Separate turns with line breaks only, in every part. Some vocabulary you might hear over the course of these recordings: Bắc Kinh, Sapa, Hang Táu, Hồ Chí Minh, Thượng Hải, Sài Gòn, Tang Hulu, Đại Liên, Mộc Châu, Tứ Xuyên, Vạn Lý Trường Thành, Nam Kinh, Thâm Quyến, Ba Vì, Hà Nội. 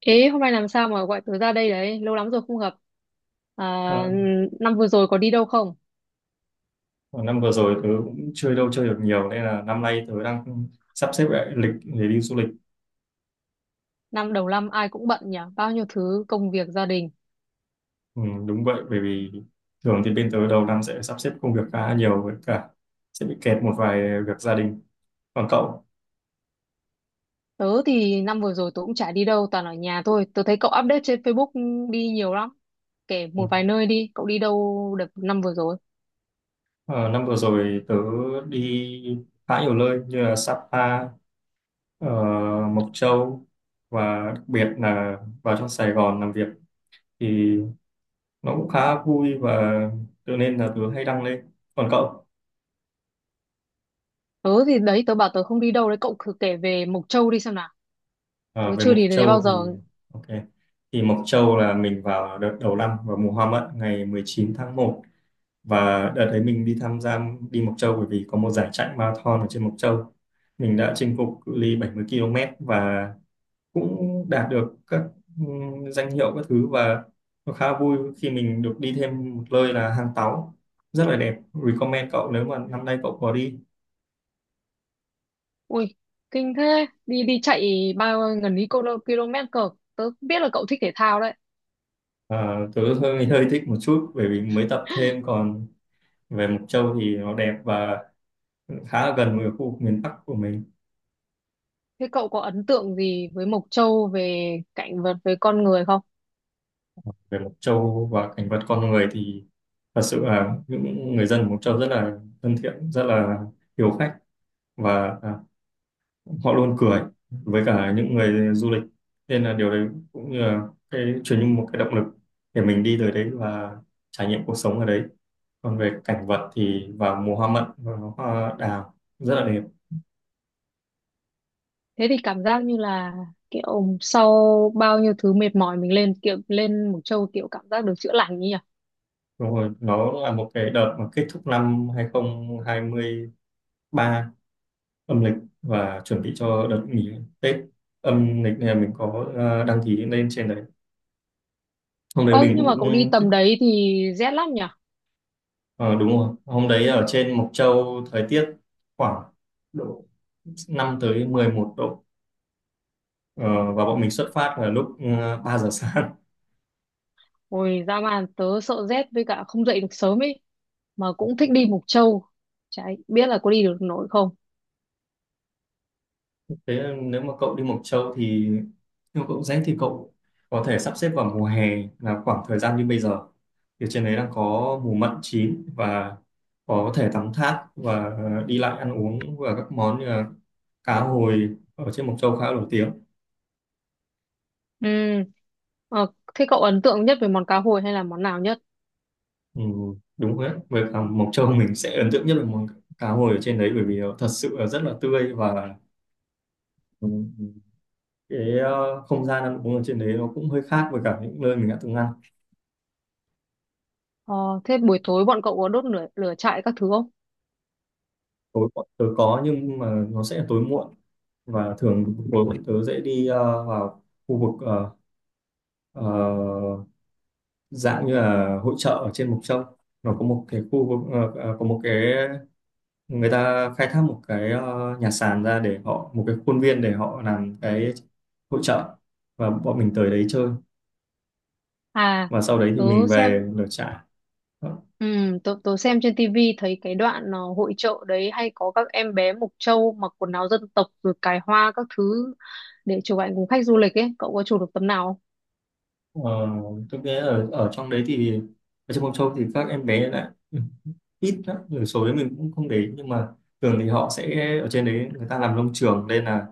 Ê, hôm nay làm sao mà gọi tớ ra đây đấy? Lâu lắm rồi không gặp. À,
Ờ,
năm vừa rồi có đi đâu không?
năm vừa rồi tớ cũng chơi đâu chơi được nhiều nên là năm nay tớ đang sắp xếp lại lịch để đi du lịch.
Năm đầu năm ai cũng bận nhỉ? Bao nhiêu thứ công việc gia đình.
Ừ, đúng vậy, bởi vì thường thì bên tớ đầu năm sẽ sắp xếp công việc khá nhiều, với cả sẽ bị kẹt một vài việc gia đình. Còn cậu?
Tớ thì năm vừa rồi tớ cũng chả đi đâu, toàn ở nhà thôi. Tớ thấy cậu update trên Facebook đi nhiều lắm. Kể
Ừ.
một vài nơi đi, cậu đi đâu được năm vừa rồi?
ờ, Năm vừa rồi tớ đi khá nhiều nơi như là Sapa, ờ, Mộc Châu, và đặc biệt là vào trong Sài Gòn làm việc thì nó cũng khá vui, và tự nên là tớ hay đăng lên. Còn cậu?
Tớ thì đấy, tớ bảo tớ không đi đâu đấy, cậu thử kể về Mộc Châu đi xem nào.
Ờ,
Tớ
Về
chưa
Mộc
đi đến đấy bao
Châu thì
giờ.
ok, thì Mộc Châu là mình vào đợt đầu năm, vào mùa hoa mận ngày 19 tháng 1. Và đợt đấy mình đi tham gia đi Mộc Châu bởi vì có một giải chạy marathon ở trên Mộc Châu. Mình đã chinh phục cự ly 70 km và cũng đạt được các danh hiệu các thứ. Và nó khá vui khi mình được đi thêm một nơi là Hang Táu, rất là đẹp. Recommend cậu nếu mà năm nay cậu có đi.
Ui, kinh thế. Đi đi chạy bao gần ý km cơ. Tớ biết là cậu thích thể thao đấy.
Ờ, tớ hơi hơi thích một chút bởi vì mới tập thêm. Còn về Mộc Châu thì nó đẹp và khá là gần với khu vực miền Bắc của mình.
Thế cậu có ấn tượng gì với Mộc Châu về cảnh vật với con người không?
Về Mộc Châu và cảnh vật con người thì thật sự là những người dân Mộc Châu rất là thân thiện, rất là hiếu khách, và họ luôn cười với cả những người du lịch, nên là điều đấy cũng như là cái truyền như một cái động lực để mình đi tới đấy và trải nghiệm cuộc sống ở đấy. Còn về cảnh vật thì vào mùa hoa mận và hoa đào rất là đẹp.
Thế thì cảm giác như là kiểu sau bao nhiêu thứ mệt mỏi mình kiểu lên Mộc Châu, kiểu cảm giác được chữa lành ấy nhỉ?
Đúng rồi, nó là một cái đợt mà kết thúc năm 2020 3 âm lịch, và chuẩn bị cho đợt nghỉ Tết âm lịch này mình có đăng ký lên trên đấy. Hôm đấy
Ôi
mình
nhưng mà
cũng
cậu đi tầm đấy thì rét lắm nhỉ?
ờ, đúng rồi, hôm đấy ở trên Mộc Châu thời tiết khoảng độ 5 tới 11 độ. Ờ, và bọn mình xuất phát là lúc 3 giờ sáng.
Ôi ra mà tớ sợ rét với cả không dậy được sớm ấy, mà cũng thích đi Mộc Châu. Chả biết là có đi được nổi không?
Thế là nếu mà cậu đi Mộc Châu thì nếu cậu rảnh thì cậu có thể sắp xếp vào mùa hè, là khoảng thời gian như bây giờ. Thì trên đấy đang có mùa mận chín và có thể tắm thác, và đi lại ăn uống, và các món như là cá hồi ở trên Mộc Châu khá nổi tiếng.
Ừ. Ờ, thế cậu ấn tượng nhất về món cá hồi hay là món nào nhất?
Ừ, đúng rồi đấy. Với cả Mộc Châu mình sẽ ấn tượng nhất là món cá hồi ở trên đấy, bởi vì nó thật sự là rất là tươi, và ừ, cái không gian ăn uống ở trên đấy nó cũng hơi khác với cả những nơi mình đã từng ăn.
Ờ, thế buổi tối bọn cậu có đốt lửa trại các thứ không?
Tối tớ có nhưng mà nó sẽ tối muộn, và thường tối muộn tớ dễ đi vào khu vực ờ, dạng như là hội chợ ở trên Mộc Châu. Nó có một cái khu vực có một cái, người ta khai thác một cái nhà sàn ra để họ một cái khuôn viên để họ làm cái hội chợ, và bọn mình tới đấy chơi.
À,
Và sau đấy thì
tớ
mình
xem
về lửa trại.
Ừ, tôi xem trên tivi thấy cái đoạn hội chợ đấy hay có các em bé Mộc Châu mặc quần áo dân tộc rồi cài hoa các thứ để chụp ảnh cùng khách du lịch ấy. Cậu có chụp được tấm nào không?
Ờ, tôi nghĩ ở ở trong đấy thì ở trên Mộc Châu thì các em bé lại ít lắm, người số đấy mình cũng không để ý, nhưng mà thường thì họ sẽ ở trên đấy người ta làm nông trường nên là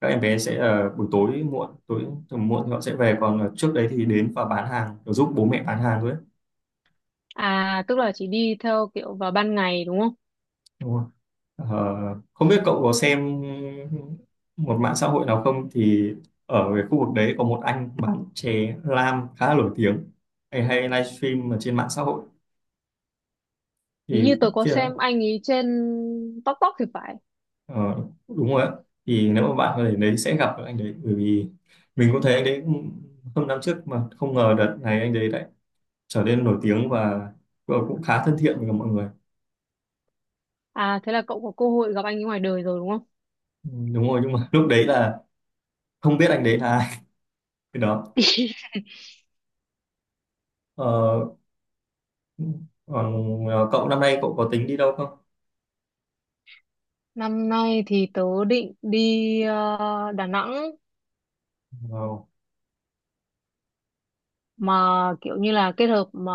các em bé sẽ ở buổi tối muộn tối tầm muộn thì họ sẽ về, còn ở trước đấy thì đến và bán hàng để giúp bố mẹ bán hàng thôi ấy.
À, tức là chỉ đi theo kiểu vào ban ngày đúng không?
Đúng không? Ờ, không biết cậu có xem một mạng xã hội nào không, thì ở cái khu vực đấy có một anh bán chè lam khá là nổi tiếng, hay hay livestream ở trên mạng xã hội
Hình
thì
như tôi có
kia.
xem anh ấy trên TikTok thì phải.
Ờ, đúng rồi á, thì nếu mà bạn ở đấy sẽ gặp được anh đấy, bởi vì mình cũng thấy anh đấy hơn năm trước mà không ngờ đợt này anh đấy lại trở nên nổi tiếng, và cũng khá thân thiện với cả mọi người.
À, thế là cậu có cơ hội gặp anh ấy ngoài đời rồi đúng không?
Ừ, đúng rồi, nhưng mà lúc đấy là không biết anh đấy là ai. Cái đó ờ, còn cậu năm nay cậu có tính đi đâu không?
Năm nay thì tớ định đi Đà Nẵng,
Wow.
mà kiểu như là kết hợp mà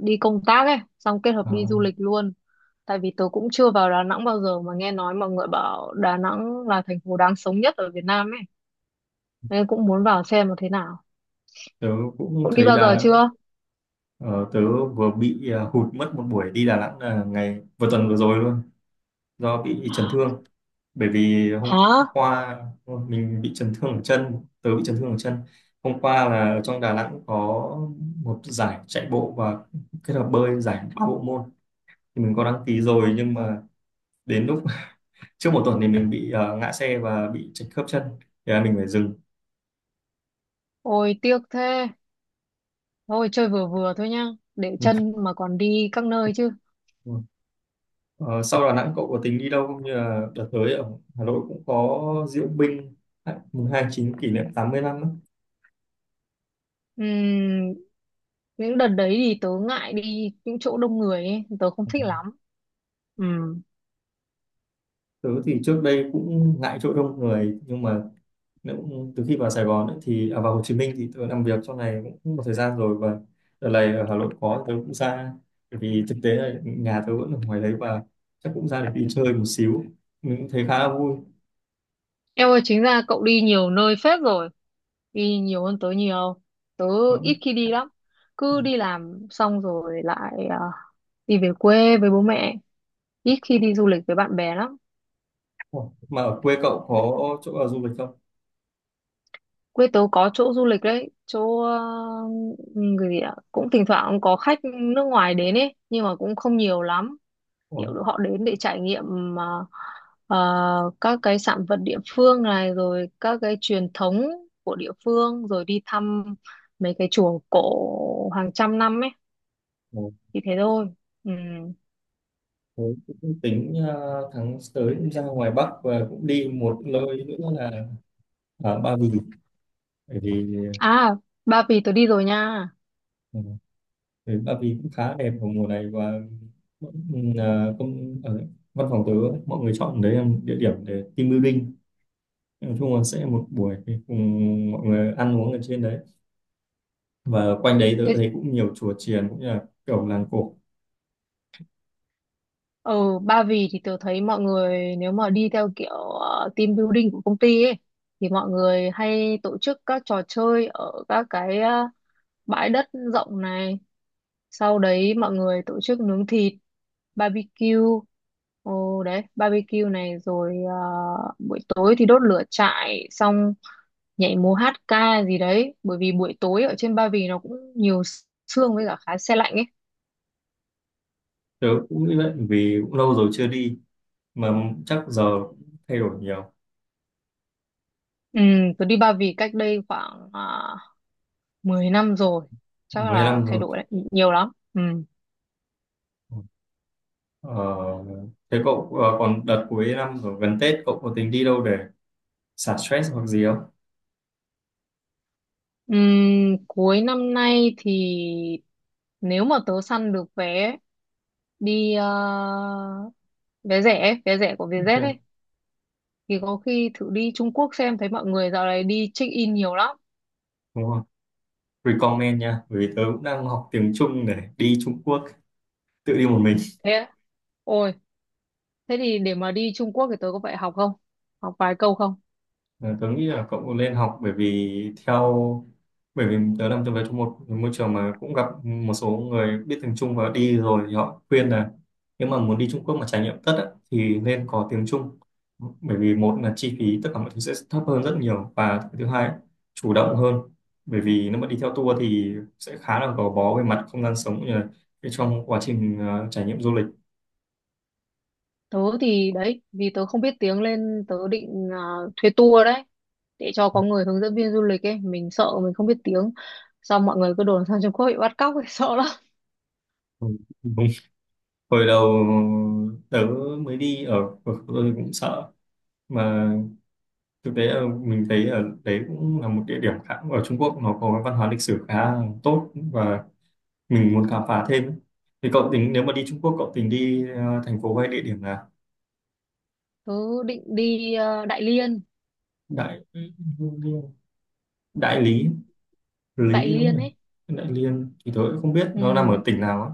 đi công tác ấy xong kết hợp
Ờ,
đi du lịch luôn. Tại vì tớ cũng chưa vào Đà Nẵng bao giờ, mà nghe nói mọi người bảo Đà Nẵng là thành phố đáng sống nhất ở Việt Nam ấy, nên cũng muốn vào xem là thế nào.
tớ cũng
Cậu đi
thấy
bao
Đà
giờ
Nẵng.
chưa?
Ờ, tớ vừa bị hụt mất một buổi đi Đà Nẵng là ngày vừa tuần vừa rồi luôn do bị chấn thương, bởi vì hôm
Hả?
qua mình bị chấn thương ở chân, tớ bị chấn thương ở chân hôm qua là ở trong Đà Nẵng có một giải chạy bộ và kết hợp bơi giải ba bộ môn, thì mình có đăng ký rồi, nhưng mà đến lúc trước một tuần thì mình bị ngã xe và bị chật khớp chân thì là mình phải dừng.
Ôi tiếc thế, thôi chơi vừa vừa thôi nhá, để chân mà còn đi các nơi chứ.
Ờ, sau Đà Nẵng cậu có tính đi đâu không? Như là đợt tới ở Hà Nội cũng có diễu binh, à, mùng 29 kỷ niệm 80 năm á.
Ừm, những đợt đấy thì tớ ngại đi những chỗ đông người ấy, tớ không thích lắm. Ừm.
Tớ thì trước đây cũng ngại chỗ đông người, nhưng mà từ khi vào Sài Gòn ấy, thì à, vào Hồ Chí Minh thì tôi làm việc trong này cũng một thời gian rồi, và đợt này ở Hà Nội có tôi cũng ra bởi vì thực tế là nhà tôi vẫn ở ngoài đấy, và chắc cũng ra để đi chơi một xíu, mình cũng thấy khá là vui.
Em ơi, chính ra cậu đi nhiều nơi phết rồi, đi nhiều hơn tớ nhiều. Tớ
Đó.
ít khi đi lắm, cứ đi làm xong rồi lại đi về quê với bố mẹ, ít khi đi du lịch với bạn bè lắm.
Ủa, mà ở quê cậu có chỗ nào du lịch không?
Quê tớ có chỗ du lịch đấy, chỗ người gì ạ? Cũng thỉnh thoảng có khách nước ngoài đến ấy, nhưng mà cũng không nhiều lắm,
Ủa,
kiểu họ đến để trải nghiệm à, à, các cái sản vật địa phương này, rồi các cái truyền thống của địa phương, rồi đi thăm mấy cái chùa cổ hàng trăm năm ấy,
ủa,
thì thế thôi. Ừ.
thế cũng tính tháng tới cũng ra ngoài Bắc và cũng đi một nơi nữa là ở Ba Vì, bởi vì
À, Ba Vì tớ đi rồi nha.
ờ, ừ, Ba Vì cũng khá đẹp vào mùa này, và công ở văn phòng tớ mọi người chọn đấy là một địa điểm để team building. Nói chung là sẽ một buổi thì cùng mọi người ăn uống ở trên đấy, và quanh đấy tớ
Thế-
thấy cũng nhiều chùa chiền cũng như là kiểu làng cổ.
ừ, Ba Vì thì tớ thấy mọi người nếu mà đi theo kiểu team building của công ty ấy, thì mọi người hay tổ chức các trò chơi ở các cái bãi đất rộng này, sau đấy mọi người tổ chức nướng thịt barbecue, ồ đấy barbecue này, rồi buổi tối thì đốt lửa trại xong nhảy múa hát ca gì đấy, bởi vì buổi tối ở trên Ba Vì nó cũng nhiều sương với cả khá se lạnh ấy.
Tớ cũng nghĩ vậy vì cũng lâu rồi chưa đi, mà chắc giờ cũng thay đổi nhiều.
Ừ, tôi đi Ba Vì cách đây khoảng 10 năm rồi, chắc là
15
thay
rồi.
đổi đấy, nhiều lắm. Ừ.
ờ, Thế cậu còn đợt cuối năm rồi gần Tết cậu có tính đi đâu để xả stress hoặc gì không?
Cuối năm nay thì nếu mà tớ săn được vé đi, vé rẻ của Vietjet ấy,
Ok.
thì có khi thử đi Trung Quốc xem, thấy mọi người dạo này đi check in nhiều lắm.
Đúng, recommend nha, bởi vì tớ cũng đang học tiếng Trung để đi Trung Quốc, tự đi một mình.
Thế á? Ôi, thế thì để mà đi Trung Quốc thì tớ có phải học không, học vài câu không?
Ờ, tớ nghĩ là cậu cũng nên học, bởi vì bởi vì tớ làm trong về trong một môi trường mà cũng gặp một số người biết tiếng Trung và đi rồi thì họ khuyên là nếu mà muốn đi Trung Quốc mà trải nghiệm tất á, thì nên có tiếng Trung. Bởi vì một là chi phí tất cả mọi thứ sẽ thấp hơn rất nhiều, và thứ hai ấy, chủ động hơn, bởi vì nếu mà đi theo tour thì sẽ khá là gò bó về mặt không gian sống cũng như là cái trong quá trình trải nghiệm du lịch.
Tớ thì đấy, vì tớ không biết tiếng nên tớ định thuê tour đấy, để cho có người hướng dẫn viên du lịch ấy, mình sợ mình không biết tiếng, xong mọi người cứ đồn sang Trung Quốc bị bắt cóc ấy, sợ lắm.
Ừ. Đúng, hồi đầu tớ mới đi ở ở tôi cũng sợ, mà thực tế là mình thấy ở đấy cũng là một địa điểm khá, ở Trung Quốc nó có văn hóa lịch sử khá tốt và mình muốn khám phá thêm. Thì cậu tính nếu mà đi Trung Quốc cậu tính đi thành phố hay địa điểm là
Tớ định đi Đại Liên
Đại Đại Lý
Đại
Lý đúng không
Liên
nhỉ?
ấy.
Đại Liên thì tớ cũng không biết nó nằm ở
Ừ.
tỉnh nào á.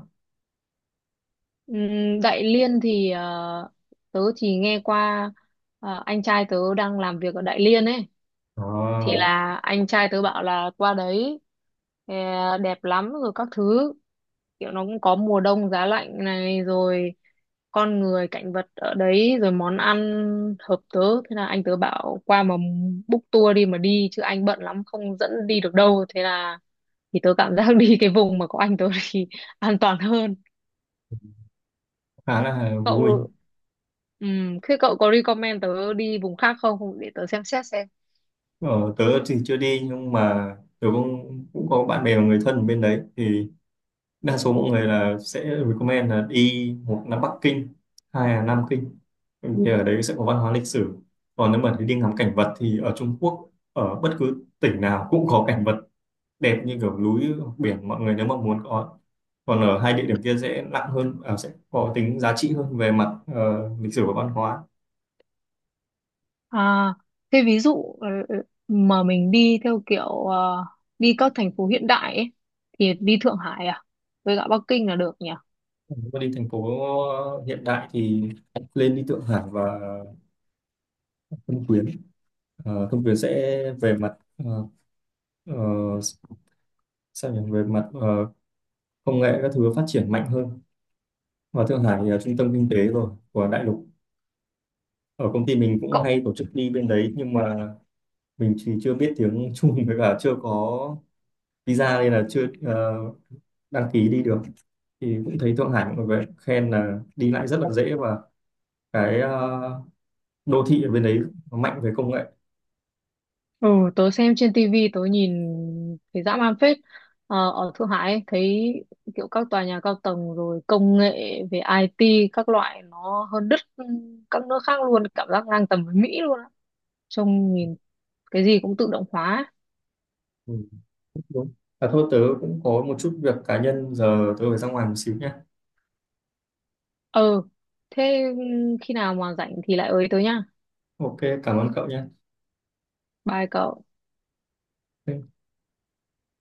Đại Liên thì tớ chỉ nghe qua, anh trai tớ đang làm việc ở Đại Liên ấy, thì
Đó
là anh trai tớ bảo là qua đấy ờ, đẹp lắm rồi các thứ, kiểu nó cũng có mùa đông giá lạnh này, rồi con người cảnh vật ở đấy, rồi món ăn hợp tớ, thế là anh tớ bảo qua mà book tour đi mà đi, chứ anh bận lắm không dẫn đi được đâu, thế là thì tớ cảm giác đi cái vùng mà có anh tớ thì an toàn hơn.
khá là vui.
Cậu Thế cậu có recommend tớ đi vùng khác không để tớ xem xét xem.
Ờ, Tớ thì chưa đi, nhưng mà tớ cũng cũng có bạn bè và người thân ở bên đấy thì đa số mọi người là sẽ recommend là đi, một là Bắc Kinh, hai là Nam Kinh. Bởi vì ở đấy sẽ có văn hóa lịch sử. Còn nếu mà đi ngắm cảnh vật thì ở Trung Quốc ở bất cứ tỉnh nào cũng có cảnh vật đẹp như kiểu núi, biển, mọi người nếu mà muốn có. Còn ở hai địa điểm kia sẽ nặng hơn, à, sẽ có tính giá trị hơn về mặt lịch sử và văn hóa.
À, thế ví dụ mà mình đi theo kiểu đi các thành phố hiện đại ấy, thì đi Thượng Hải à với cả Bắc Kinh là được nhỉ?
Còn nếu mà đi thành phố hiện đại thì lên đi Thượng Hải và Thâm Quyến. Ờ, Thâm Quyến sẽ về mặt ờ, sao nhỉ, về mặt công nghệ các thứ phát triển mạnh hơn, và Thượng Hải thì là trung tâm kinh tế rồi của đại lục. Ở công ty mình cũng
Cậu
hay tổ chức đi bên đấy, nhưng mà mình thì chưa biết tiếng Trung, với cả chưa có visa nên là chưa đăng ký đi được. Thì cũng thấy Thượng Hải mọi người khen là đi lại rất là dễ, và cái đô thị ở bên đấy nó mạnh về công nghệ.
ừ Tớ xem trên tivi, tớ nhìn thấy dã man phết. Ở Thượng Hải ấy, thấy kiểu các tòa nhà cao tầng rồi công nghệ về IT các loại, nó hơn đứt các nước khác luôn, cảm giác ngang tầm với Mỹ luôn á, trông nhìn cái gì cũng tự động hóa.
Ừ, đúng. À thôi, tớ cũng có một chút việc cá nhân, giờ tớ phải ra ngoài một xíu nhé.
Ờ, thế khi nào mà rảnh thì lại ới tớ nhá.
Ok, cảm ơn cậu nhé.
Bye cậu.